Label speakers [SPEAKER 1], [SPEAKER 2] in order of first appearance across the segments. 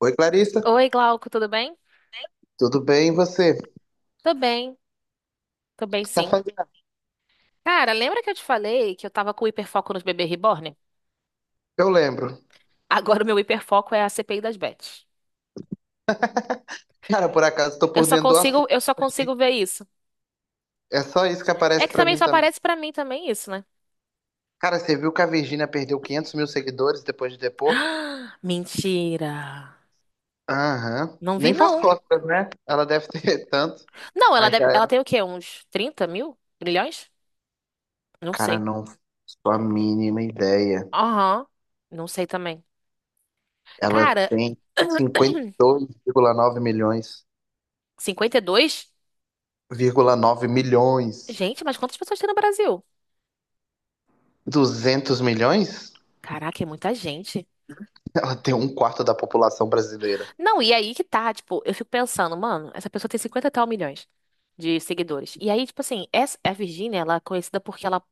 [SPEAKER 1] Oi, Clarissa,
[SPEAKER 2] Oi, Glauco, tudo bem?
[SPEAKER 1] tudo bem? E você? O que
[SPEAKER 2] Tô bem, tô bem
[SPEAKER 1] tá
[SPEAKER 2] sim.
[SPEAKER 1] fazendo?
[SPEAKER 2] Cara, lembra que eu te falei que eu tava com hiperfoco nos bebês reborn?
[SPEAKER 1] Eu lembro.
[SPEAKER 2] Agora o meu hiperfoco é a CPI das Bets.
[SPEAKER 1] Cara, por acaso, tô
[SPEAKER 2] Eu
[SPEAKER 1] por
[SPEAKER 2] só
[SPEAKER 1] dentro do
[SPEAKER 2] consigo,
[SPEAKER 1] assunto.
[SPEAKER 2] eu só consigo ver isso.
[SPEAKER 1] É só isso que
[SPEAKER 2] É
[SPEAKER 1] aparece
[SPEAKER 2] que
[SPEAKER 1] pra
[SPEAKER 2] também
[SPEAKER 1] mim
[SPEAKER 2] só
[SPEAKER 1] também.
[SPEAKER 2] aparece pra mim também isso, né?
[SPEAKER 1] Cara, você viu que a Virgínia perdeu 500 mil seguidores depois de depor?
[SPEAKER 2] Ah, mentira.
[SPEAKER 1] Aham.
[SPEAKER 2] Não vi
[SPEAKER 1] Nem faz
[SPEAKER 2] não.
[SPEAKER 1] costas, né? Ela deve ter tanto.
[SPEAKER 2] Não,
[SPEAKER 1] Mas já
[SPEAKER 2] ela
[SPEAKER 1] era.
[SPEAKER 2] tem o quê? Uns 30 mil? Milhões? Não
[SPEAKER 1] Cara,
[SPEAKER 2] sei.
[SPEAKER 1] não faço a mínima ideia.
[SPEAKER 2] Aham. Não sei também.
[SPEAKER 1] Ela
[SPEAKER 2] Cara,
[SPEAKER 1] tem cinquenta e dois vírgula nove milhões.
[SPEAKER 2] cinquenta e dois.
[SPEAKER 1] Vírgula 9 milhões.
[SPEAKER 2] Gente, mas quantas pessoas tem no Brasil?
[SPEAKER 1] 200 milhões?
[SPEAKER 2] Caraca, é muita gente.
[SPEAKER 1] Ela tem um quarto da população brasileira.
[SPEAKER 2] Não, e aí que tá, tipo, eu fico pensando, mano, essa pessoa tem 50 e tal milhões de seguidores. E aí, tipo assim, a Virgínia, ela é conhecida porque ela,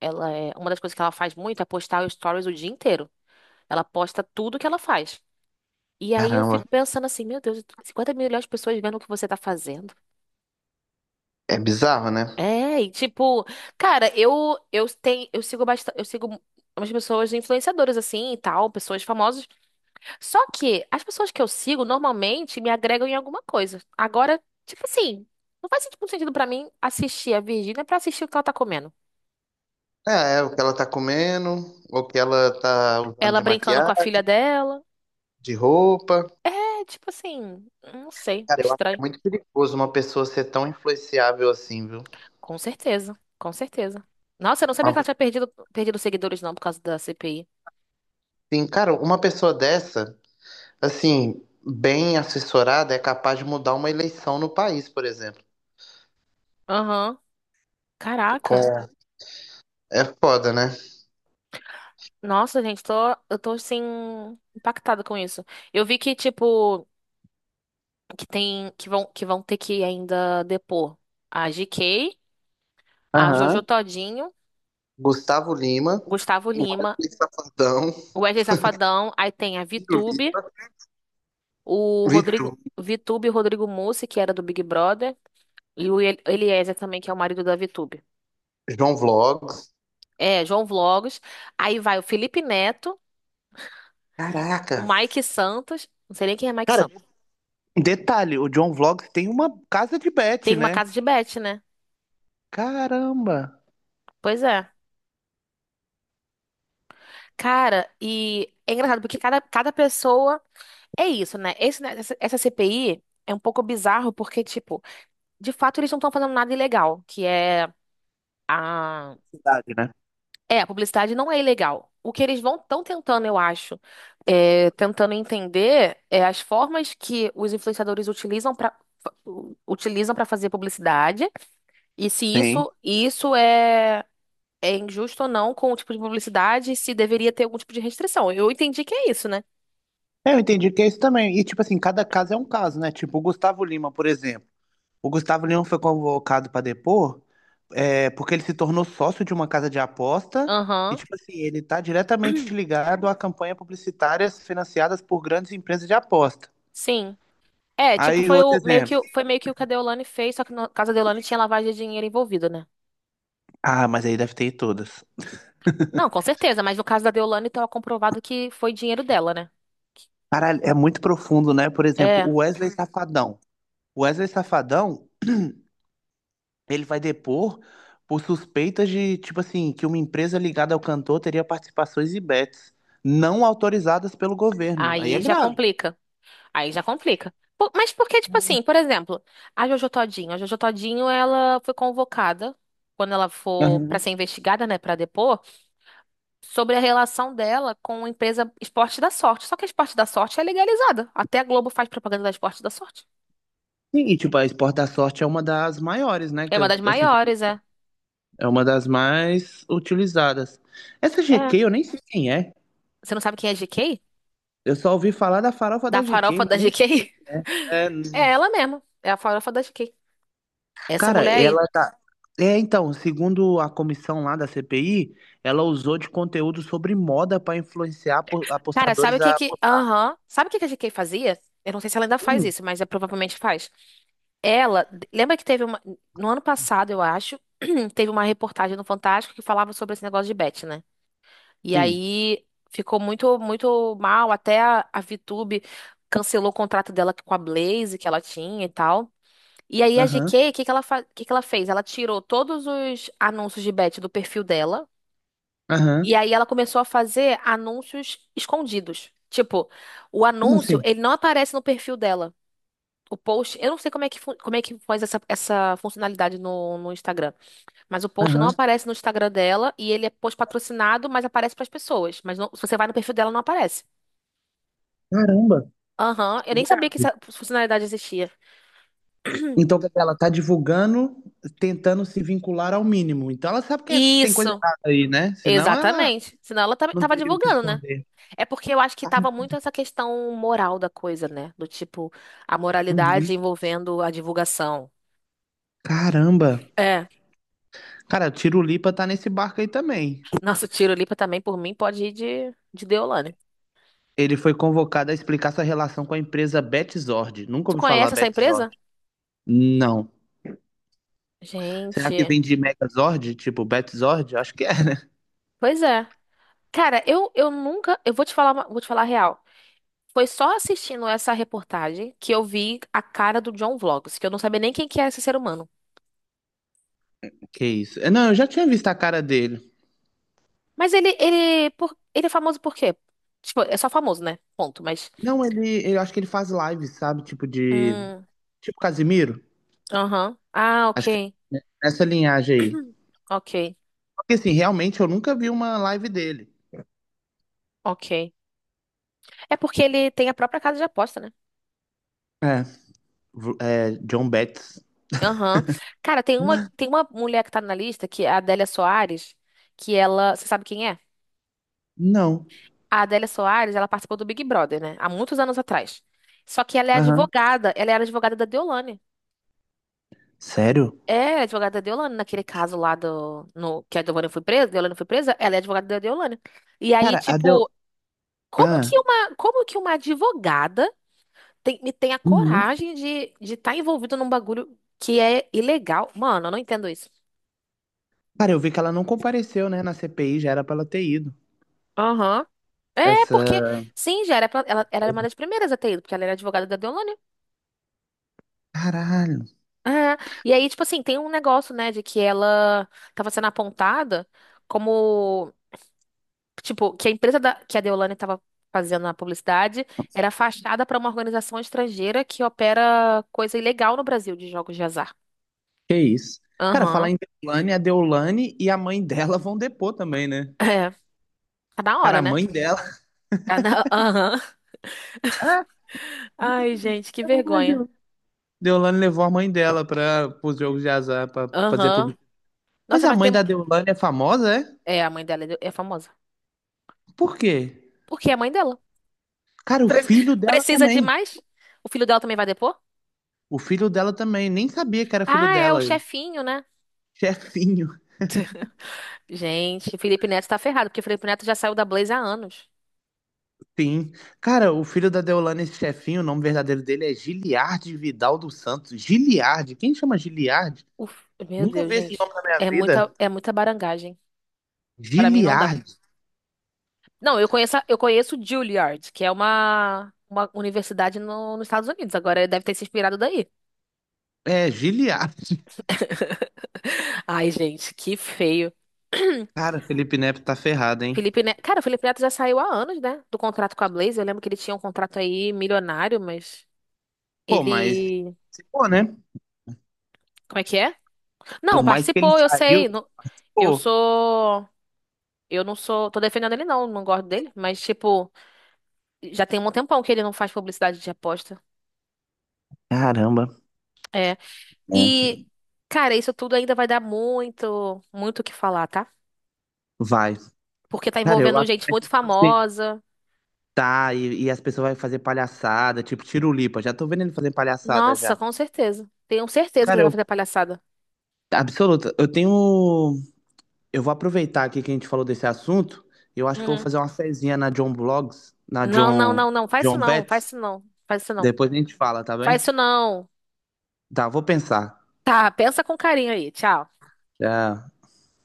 [SPEAKER 2] ela é, uma das coisas que ela faz muito é postar stories o dia inteiro. Ela posta tudo que ela faz. E aí eu
[SPEAKER 1] Caramba,
[SPEAKER 2] fico pensando assim, meu Deus, 50 milhões de pessoas vendo o que você tá fazendo.
[SPEAKER 1] é bizarro, né?
[SPEAKER 2] É, e tipo, cara, eu tenho, eu sigo bastante, eu sigo umas pessoas influenciadoras assim e tal, pessoas famosas. Só que as pessoas que eu sigo normalmente me agregam em alguma coisa. Agora, tipo assim, não faz muito sentido pra mim assistir a Virgínia pra assistir o que ela tá comendo.
[SPEAKER 1] É, é o que ela tá comendo, o que ela tá usando
[SPEAKER 2] Ela
[SPEAKER 1] de
[SPEAKER 2] brincando com
[SPEAKER 1] maquiagem,
[SPEAKER 2] a filha dela.
[SPEAKER 1] de roupa.
[SPEAKER 2] É, tipo assim, não sei,
[SPEAKER 1] Cara, eu acho que
[SPEAKER 2] estranho.
[SPEAKER 1] é muito perigoso uma pessoa ser tão influenciável assim, viu?
[SPEAKER 2] Com certeza, com certeza. Nossa, eu não sabia
[SPEAKER 1] Uma
[SPEAKER 2] que ela
[SPEAKER 1] pe-
[SPEAKER 2] tinha perdido seguidores não por causa da CPI.
[SPEAKER 1] Sim, cara, uma pessoa dessa, assim, bem assessorada, é capaz de mudar uma eleição no país, por exemplo.
[SPEAKER 2] Aham. Caraca.
[SPEAKER 1] Com... É foda, né?
[SPEAKER 2] Nossa, gente, tô, eu tô assim impactada com isso. Eu vi que tipo que vão ter que ainda depor a GK, a Jojo
[SPEAKER 1] Aham.
[SPEAKER 2] Todinho,
[SPEAKER 1] Gustavo Lima,
[SPEAKER 2] Gustavo Lima,
[SPEAKER 1] Wesley Safadão,
[SPEAKER 2] o Wesley Safadão, aí tem a
[SPEAKER 1] Ciro
[SPEAKER 2] Vitube,
[SPEAKER 1] Lima,
[SPEAKER 2] o
[SPEAKER 1] Vitu,
[SPEAKER 2] Rodrigo Vitube e o Rodrigo Mussi, que era do Big Brother, Eliezer também, que é o marido da Vitube.
[SPEAKER 1] João Vlogs.
[SPEAKER 2] É, João Vlogs. Aí vai o Felipe Neto, o
[SPEAKER 1] Caraca!
[SPEAKER 2] Mike Santos, não sei nem quem é Mike
[SPEAKER 1] Cara,
[SPEAKER 2] Santos.
[SPEAKER 1] detalhe, o John Vlogs tem uma casa de bet,
[SPEAKER 2] Tem uma
[SPEAKER 1] né?
[SPEAKER 2] casa de bet, né?
[SPEAKER 1] Caramba!
[SPEAKER 2] Pois é. Cara, e é engraçado porque cada pessoa é isso, né? Essa CPI é um pouco bizarro porque, tipo, de fato eles não estão fazendo nada ilegal, que é a...
[SPEAKER 1] Cidade, né?
[SPEAKER 2] É, a publicidade não é ilegal. O que eles vão estão tentando, eu acho, é, tentando entender é as formas que os influenciadores utilizam para fazer publicidade e se
[SPEAKER 1] Sim.
[SPEAKER 2] isso é é injusto ou não com o tipo de publicidade, e se deveria ter algum tipo de restrição. Eu entendi que é isso, né?
[SPEAKER 1] É, eu entendi que é isso também. E, tipo assim, cada caso é um caso, né? Tipo, o Gustavo Lima, por exemplo. O Gustavo Lima foi convocado para depor, é, porque ele se tornou sócio de uma casa de aposta. E,
[SPEAKER 2] Aham,
[SPEAKER 1] tipo assim, ele tá diretamente ligado a campanhas publicitárias financiadas por grandes empresas de aposta.
[SPEAKER 2] sim. É, tipo,
[SPEAKER 1] Aí, outro exemplo.
[SPEAKER 2] foi meio que o que a Deolane fez, só que no caso da Deolane tinha lavagem de dinheiro envolvida, né?
[SPEAKER 1] Ah, mas aí deve ter em todas.
[SPEAKER 2] Não, com certeza, mas no caso da Deolane estava comprovado que foi dinheiro dela, né?
[SPEAKER 1] Caralho, é muito profundo, né? Por exemplo,
[SPEAKER 2] É.
[SPEAKER 1] o Wesley Safadão. O Wesley Safadão, ele vai depor por suspeitas de, tipo assim, que uma empresa ligada ao cantor teria participações e bets não autorizadas pelo governo. Aí é
[SPEAKER 2] Aí já
[SPEAKER 1] grave.
[SPEAKER 2] complica. Aí já complica. Mas porque, tipo assim, por exemplo, a Jojo Todinho. A Jojo Todinho, ela foi convocada, quando ela for pra
[SPEAKER 1] Aham.
[SPEAKER 2] ser investigada, né, pra depor, sobre a relação dela com a empresa Esporte da Sorte. Só que a Esporte da Sorte é legalizada. Até a Globo faz propaganda da Esporte da Sorte.
[SPEAKER 1] Sim, e tipo, a Esporte da Sorte é uma das maiores, né?
[SPEAKER 2] É uma das
[SPEAKER 1] Assim,
[SPEAKER 2] maiores, é.
[SPEAKER 1] é uma das mais utilizadas. Essa
[SPEAKER 2] É.
[SPEAKER 1] GK eu nem sei quem é.
[SPEAKER 2] Você não sabe quem é a GK?
[SPEAKER 1] Eu só ouvi falar da farofa
[SPEAKER 2] Da
[SPEAKER 1] da GK,
[SPEAKER 2] farofa
[SPEAKER 1] mas
[SPEAKER 2] da
[SPEAKER 1] nem
[SPEAKER 2] GK?
[SPEAKER 1] sei. É,
[SPEAKER 2] É ela mesma. É a farofa da GK. Essa
[SPEAKER 1] cara,
[SPEAKER 2] mulher aí.
[SPEAKER 1] ela tá. É, então, segundo a comissão lá da CPI, ela usou de conteúdo sobre moda para influenciar
[SPEAKER 2] Cara, sabe
[SPEAKER 1] apostadores
[SPEAKER 2] o que
[SPEAKER 1] a
[SPEAKER 2] que.
[SPEAKER 1] apostar.
[SPEAKER 2] Aham. Sabe o que que a GK fazia? Eu não sei se ela ainda faz
[SPEAKER 1] Sim,
[SPEAKER 2] isso, mas é, provavelmente faz. Ela. Lembra que teve uma. No ano passado, eu acho, teve uma reportagem no Fantástico que falava sobre esse negócio de bet, né? E
[SPEAKER 1] sim.
[SPEAKER 2] aí ficou muito, muito mal. Até a VTube cancelou o contrato dela com a Blaze que ela tinha e tal. E aí a
[SPEAKER 1] Aham,
[SPEAKER 2] GK, o que que ela fez? Ela tirou todos os anúncios de bet do perfil dela. E
[SPEAKER 1] aham.
[SPEAKER 2] aí ela começou a fazer anúncios escondidos. Tipo, o
[SPEAKER 1] Como
[SPEAKER 2] anúncio,
[SPEAKER 1] assim?
[SPEAKER 2] ele não aparece no perfil dela. O post, eu não sei como é que faz essa funcionalidade no, no Instagram, mas o post não
[SPEAKER 1] Aham.
[SPEAKER 2] aparece no Instagram dela e ele é post patrocinado, mas aparece para as pessoas. Se você vai no perfil dela, não aparece.
[SPEAKER 1] Caramba,
[SPEAKER 2] Aham, eu nem sabia que
[SPEAKER 1] grave.
[SPEAKER 2] essa funcionalidade existia.
[SPEAKER 1] Então, quer dizer, ela tá divulgando, tentando se vincular ao mínimo. Então, ela sabe que é- tem coisa
[SPEAKER 2] Isso,
[SPEAKER 1] errada aí, né? Senão, ela
[SPEAKER 2] exatamente. Senão ela tava
[SPEAKER 1] não
[SPEAKER 2] tava
[SPEAKER 1] teria o que
[SPEAKER 2] divulgando, né?
[SPEAKER 1] esconder.
[SPEAKER 2] É porque eu acho que tava muito essa questão moral da coisa, né? Do tipo, a
[SPEAKER 1] Uhum.
[SPEAKER 2] moralidade envolvendo a divulgação.
[SPEAKER 1] Caramba.
[SPEAKER 2] É,
[SPEAKER 1] Cara, o Tiro Lipa tá nesse barco aí também.
[SPEAKER 2] nosso Tirolipa também, por mim, pode ir de Deolane.
[SPEAKER 1] Ele foi convocado a explicar sua relação com a empresa Betzord. Nunca
[SPEAKER 2] Tu
[SPEAKER 1] ouvi falar
[SPEAKER 2] conhece essa
[SPEAKER 1] Betzord.
[SPEAKER 2] empresa?
[SPEAKER 1] Não. Será que
[SPEAKER 2] Gente,
[SPEAKER 1] vem de Megazord? Tipo, Betzord? Acho que é.
[SPEAKER 2] pois é. Cara, eu nunca. Eu vou te falar, vou te falar a real. Foi só assistindo essa reportagem que eu vi a cara do John Vlogs, que eu não sabia nem quem que era esse ser humano.
[SPEAKER 1] Que isso. Não, eu já tinha visto a cara dele.
[SPEAKER 2] Mas ele é famoso por quê? Tipo, é só famoso, né? Ponto, mas.
[SPEAKER 1] Não, ele, eu acho que ele faz lives, sabe? Tipo de.
[SPEAKER 2] Hum,
[SPEAKER 1] Tipo Casimiro.
[SPEAKER 2] aham. Ah,
[SPEAKER 1] Acho que
[SPEAKER 2] ok.
[SPEAKER 1] é nessa linhagem aí.
[SPEAKER 2] Ok,
[SPEAKER 1] Porque assim, realmente eu nunca vi uma live dele.
[SPEAKER 2] ok. É porque ele tem a própria casa de aposta, né?
[SPEAKER 1] É. É, John Betts.
[SPEAKER 2] Aham. Cara, tem uma mulher que tá na lista, que é a Adélia Soares, que ela. Você sabe quem é?
[SPEAKER 1] Não.
[SPEAKER 2] A Adélia Soares, ela participou do Big Brother, né? Há muitos anos atrás. Só que ela é
[SPEAKER 1] Aham.
[SPEAKER 2] advogada, ela era advogada da Deolane.
[SPEAKER 1] Sério?
[SPEAKER 2] É, ela é advogada da Deolane, naquele caso lá do. No, que a Deolane foi presa, ela é advogada da Deolane. E aí,
[SPEAKER 1] Cara, a Del.
[SPEAKER 2] tipo,
[SPEAKER 1] Ah.
[SPEAKER 2] como que uma advogada tem a
[SPEAKER 1] Uhum.
[SPEAKER 2] coragem de estar envolvido num bagulho que é ilegal. Mano, eu não entendo isso.
[SPEAKER 1] Cara, eu vi que ela não compareceu, né, na CPI, já era pra ela ter ido.
[SPEAKER 2] Aham. É, porque,
[SPEAKER 1] Essa.
[SPEAKER 2] sim, já era, ela era uma das primeiras a ter ido, porque ela era advogada da Deolane.
[SPEAKER 1] Caralho,
[SPEAKER 2] É. E aí, tipo assim, tem um negócio, né, de que ela tava sendo apontada como, tipo, que que a Deolane tava fazendo a publicidade era fachada pra uma organização estrangeira que opera coisa ilegal no Brasil de jogos de azar.
[SPEAKER 1] que isso? Cara, falar
[SPEAKER 2] Aham.
[SPEAKER 1] em Deolane, a Deolane e a mãe dela vão depor também, né?
[SPEAKER 2] É. Tá na
[SPEAKER 1] Cara,
[SPEAKER 2] hora,
[SPEAKER 1] a
[SPEAKER 2] né?
[SPEAKER 1] mãe dela.
[SPEAKER 2] Tá na... Aham. Ai, gente, que
[SPEAKER 1] Ah,
[SPEAKER 2] vergonha.
[SPEAKER 1] Deolane levou a mãe dela para os jogos de azar para fazer
[SPEAKER 2] Aham.
[SPEAKER 1] publicidade. Mas
[SPEAKER 2] Nossa,
[SPEAKER 1] a
[SPEAKER 2] mas
[SPEAKER 1] mãe
[SPEAKER 2] tem.
[SPEAKER 1] da Deolane é famosa, é?
[SPEAKER 2] É, a mãe dela é é famosa.
[SPEAKER 1] Por quê?
[SPEAKER 2] Por que é a mãe dela?
[SPEAKER 1] Cara, o
[SPEAKER 2] Pre-
[SPEAKER 1] filho dela
[SPEAKER 2] Precisa de
[SPEAKER 1] também.
[SPEAKER 2] mais? O filho dela também vai depor?
[SPEAKER 1] O filho dela também. Nem sabia que era filho
[SPEAKER 2] Ah, é o
[SPEAKER 1] dela.
[SPEAKER 2] chefinho, né?
[SPEAKER 1] Chefinho,
[SPEAKER 2] Gente, Felipe Neto tá ferrado, porque Felipe Neto já saiu da Blaze há anos.
[SPEAKER 1] sim. Cara, o filho da Deolane, esse chefinho, o nome verdadeiro dele é Giliardi Vidal dos Santos. Giliardi. Quem chama Giliardi?
[SPEAKER 2] Uf, meu
[SPEAKER 1] Nunca
[SPEAKER 2] Deus,
[SPEAKER 1] vi esse
[SPEAKER 2] gente.
[SPEAKER 1] nome na minha vida.
[SPEAKER 2] É muita barangagem. Pra mim não dá.
[SPEAKER 1] Giliardi.
[SPEAKER 2] Não, eu conheço, eu conheço Juilliard, que é uma universidade nos Estados Unidos. Agora ele deve ter se inspirado daí.
[SPEAKER 1] É, Giliardi.
[SPEAKER 2] Ai, gente, que feio.
[SPEAKER 1] Cara, Felipe Neto tá ferrado, hein?
[SPEAKER 2] Felipe Neto, cara, o Felipe Neto já saiu há anos, né, do contrato com a Blaze. Eu lembro que ele tinha um contrato aí milionário, mas
[SPEAKER 1] Pô, mas.
[SPEAKER 2] ele,
[SPEAKER 1] Pô, né?
[SPEAKER 2] como é que é? Não,
[SPEAKER 1] Por mais que ele
[SPEAKER 2] participou, eu
[SPEAKER 1] saiu,
[SPEAKER 2] sei. Não. Eu
[SPEAKER 1] pô,
[SPEAKER 2] sou, eu não sou, tô defendendo ele não, não gosto dele, mas tipo, já tem um tempão que ele não faz publicidade de aposta.
[SPEAKER 1] caramba.
[SPEAKER 2] É.
[SPEAKER 1] Né?
[SPEAKER 2] E, cara, isso tudo ainda vai dar muito, muito o que falar, tá?
[SPEAKER 1] Vai.
[SPEAKER 2] Porque tá
[SPEAKER 1] Cara, eu
[SPEAKER 2] envolvendo
[SPEAKER 1] acho que
[SPEAKER 2] gente
[SPEAKER 1] vai ser
[SPEAKER 2] muito
[SPEAKER 1] tipo assim.
[SPEAKER 2] famosa.
[SPEAKER 1] Tá, e as pessoas vão fazer palhaçada, tipo Tirulipa. Já tô vendo ele fazer palhaçada
[SPEAKER 2] Nossa,
[SPEAKER 1] já.
[SPEAKER 2] com certeza. Tenho certeza que ele
[SPEAKER 1] Cara,
[SPEAKER 2] vai
[SPEAKER 1] eu.
[SPEAKER 2] fazer palhaçada.
[SPEAKER 1] Absoluta. Eu tenho. Eu vou aproveitar aqui que a gente falou desse assunto. Eu acho que eu vou
[SPEAKER 2] Hum.
[SPEAKER 1] fazer uma fezinha na John Blogs, na
[SPEAKER 2] Não, não,
[SPEAKER 1] John.
[SPEAKER 2] não, não. Faz isso
[SPEAKER 1] John
[SPEAKER 2] não.
[SPEAKER 1] Bet.
[SPEAKER 2] Faz isso não. Faz isso não.
[SPEAKER 1] Depois a gente fala, tá
[SPEAKER 2] Faz
[SPEAKER 1] bem?
[SPEAKER 2] isso não.
[SPEAKER 1] Tá, vou pensar.
[SPEAKER 2] Tá, pensa com carinho aí. Tchau.
[SPEAKER 1] Já.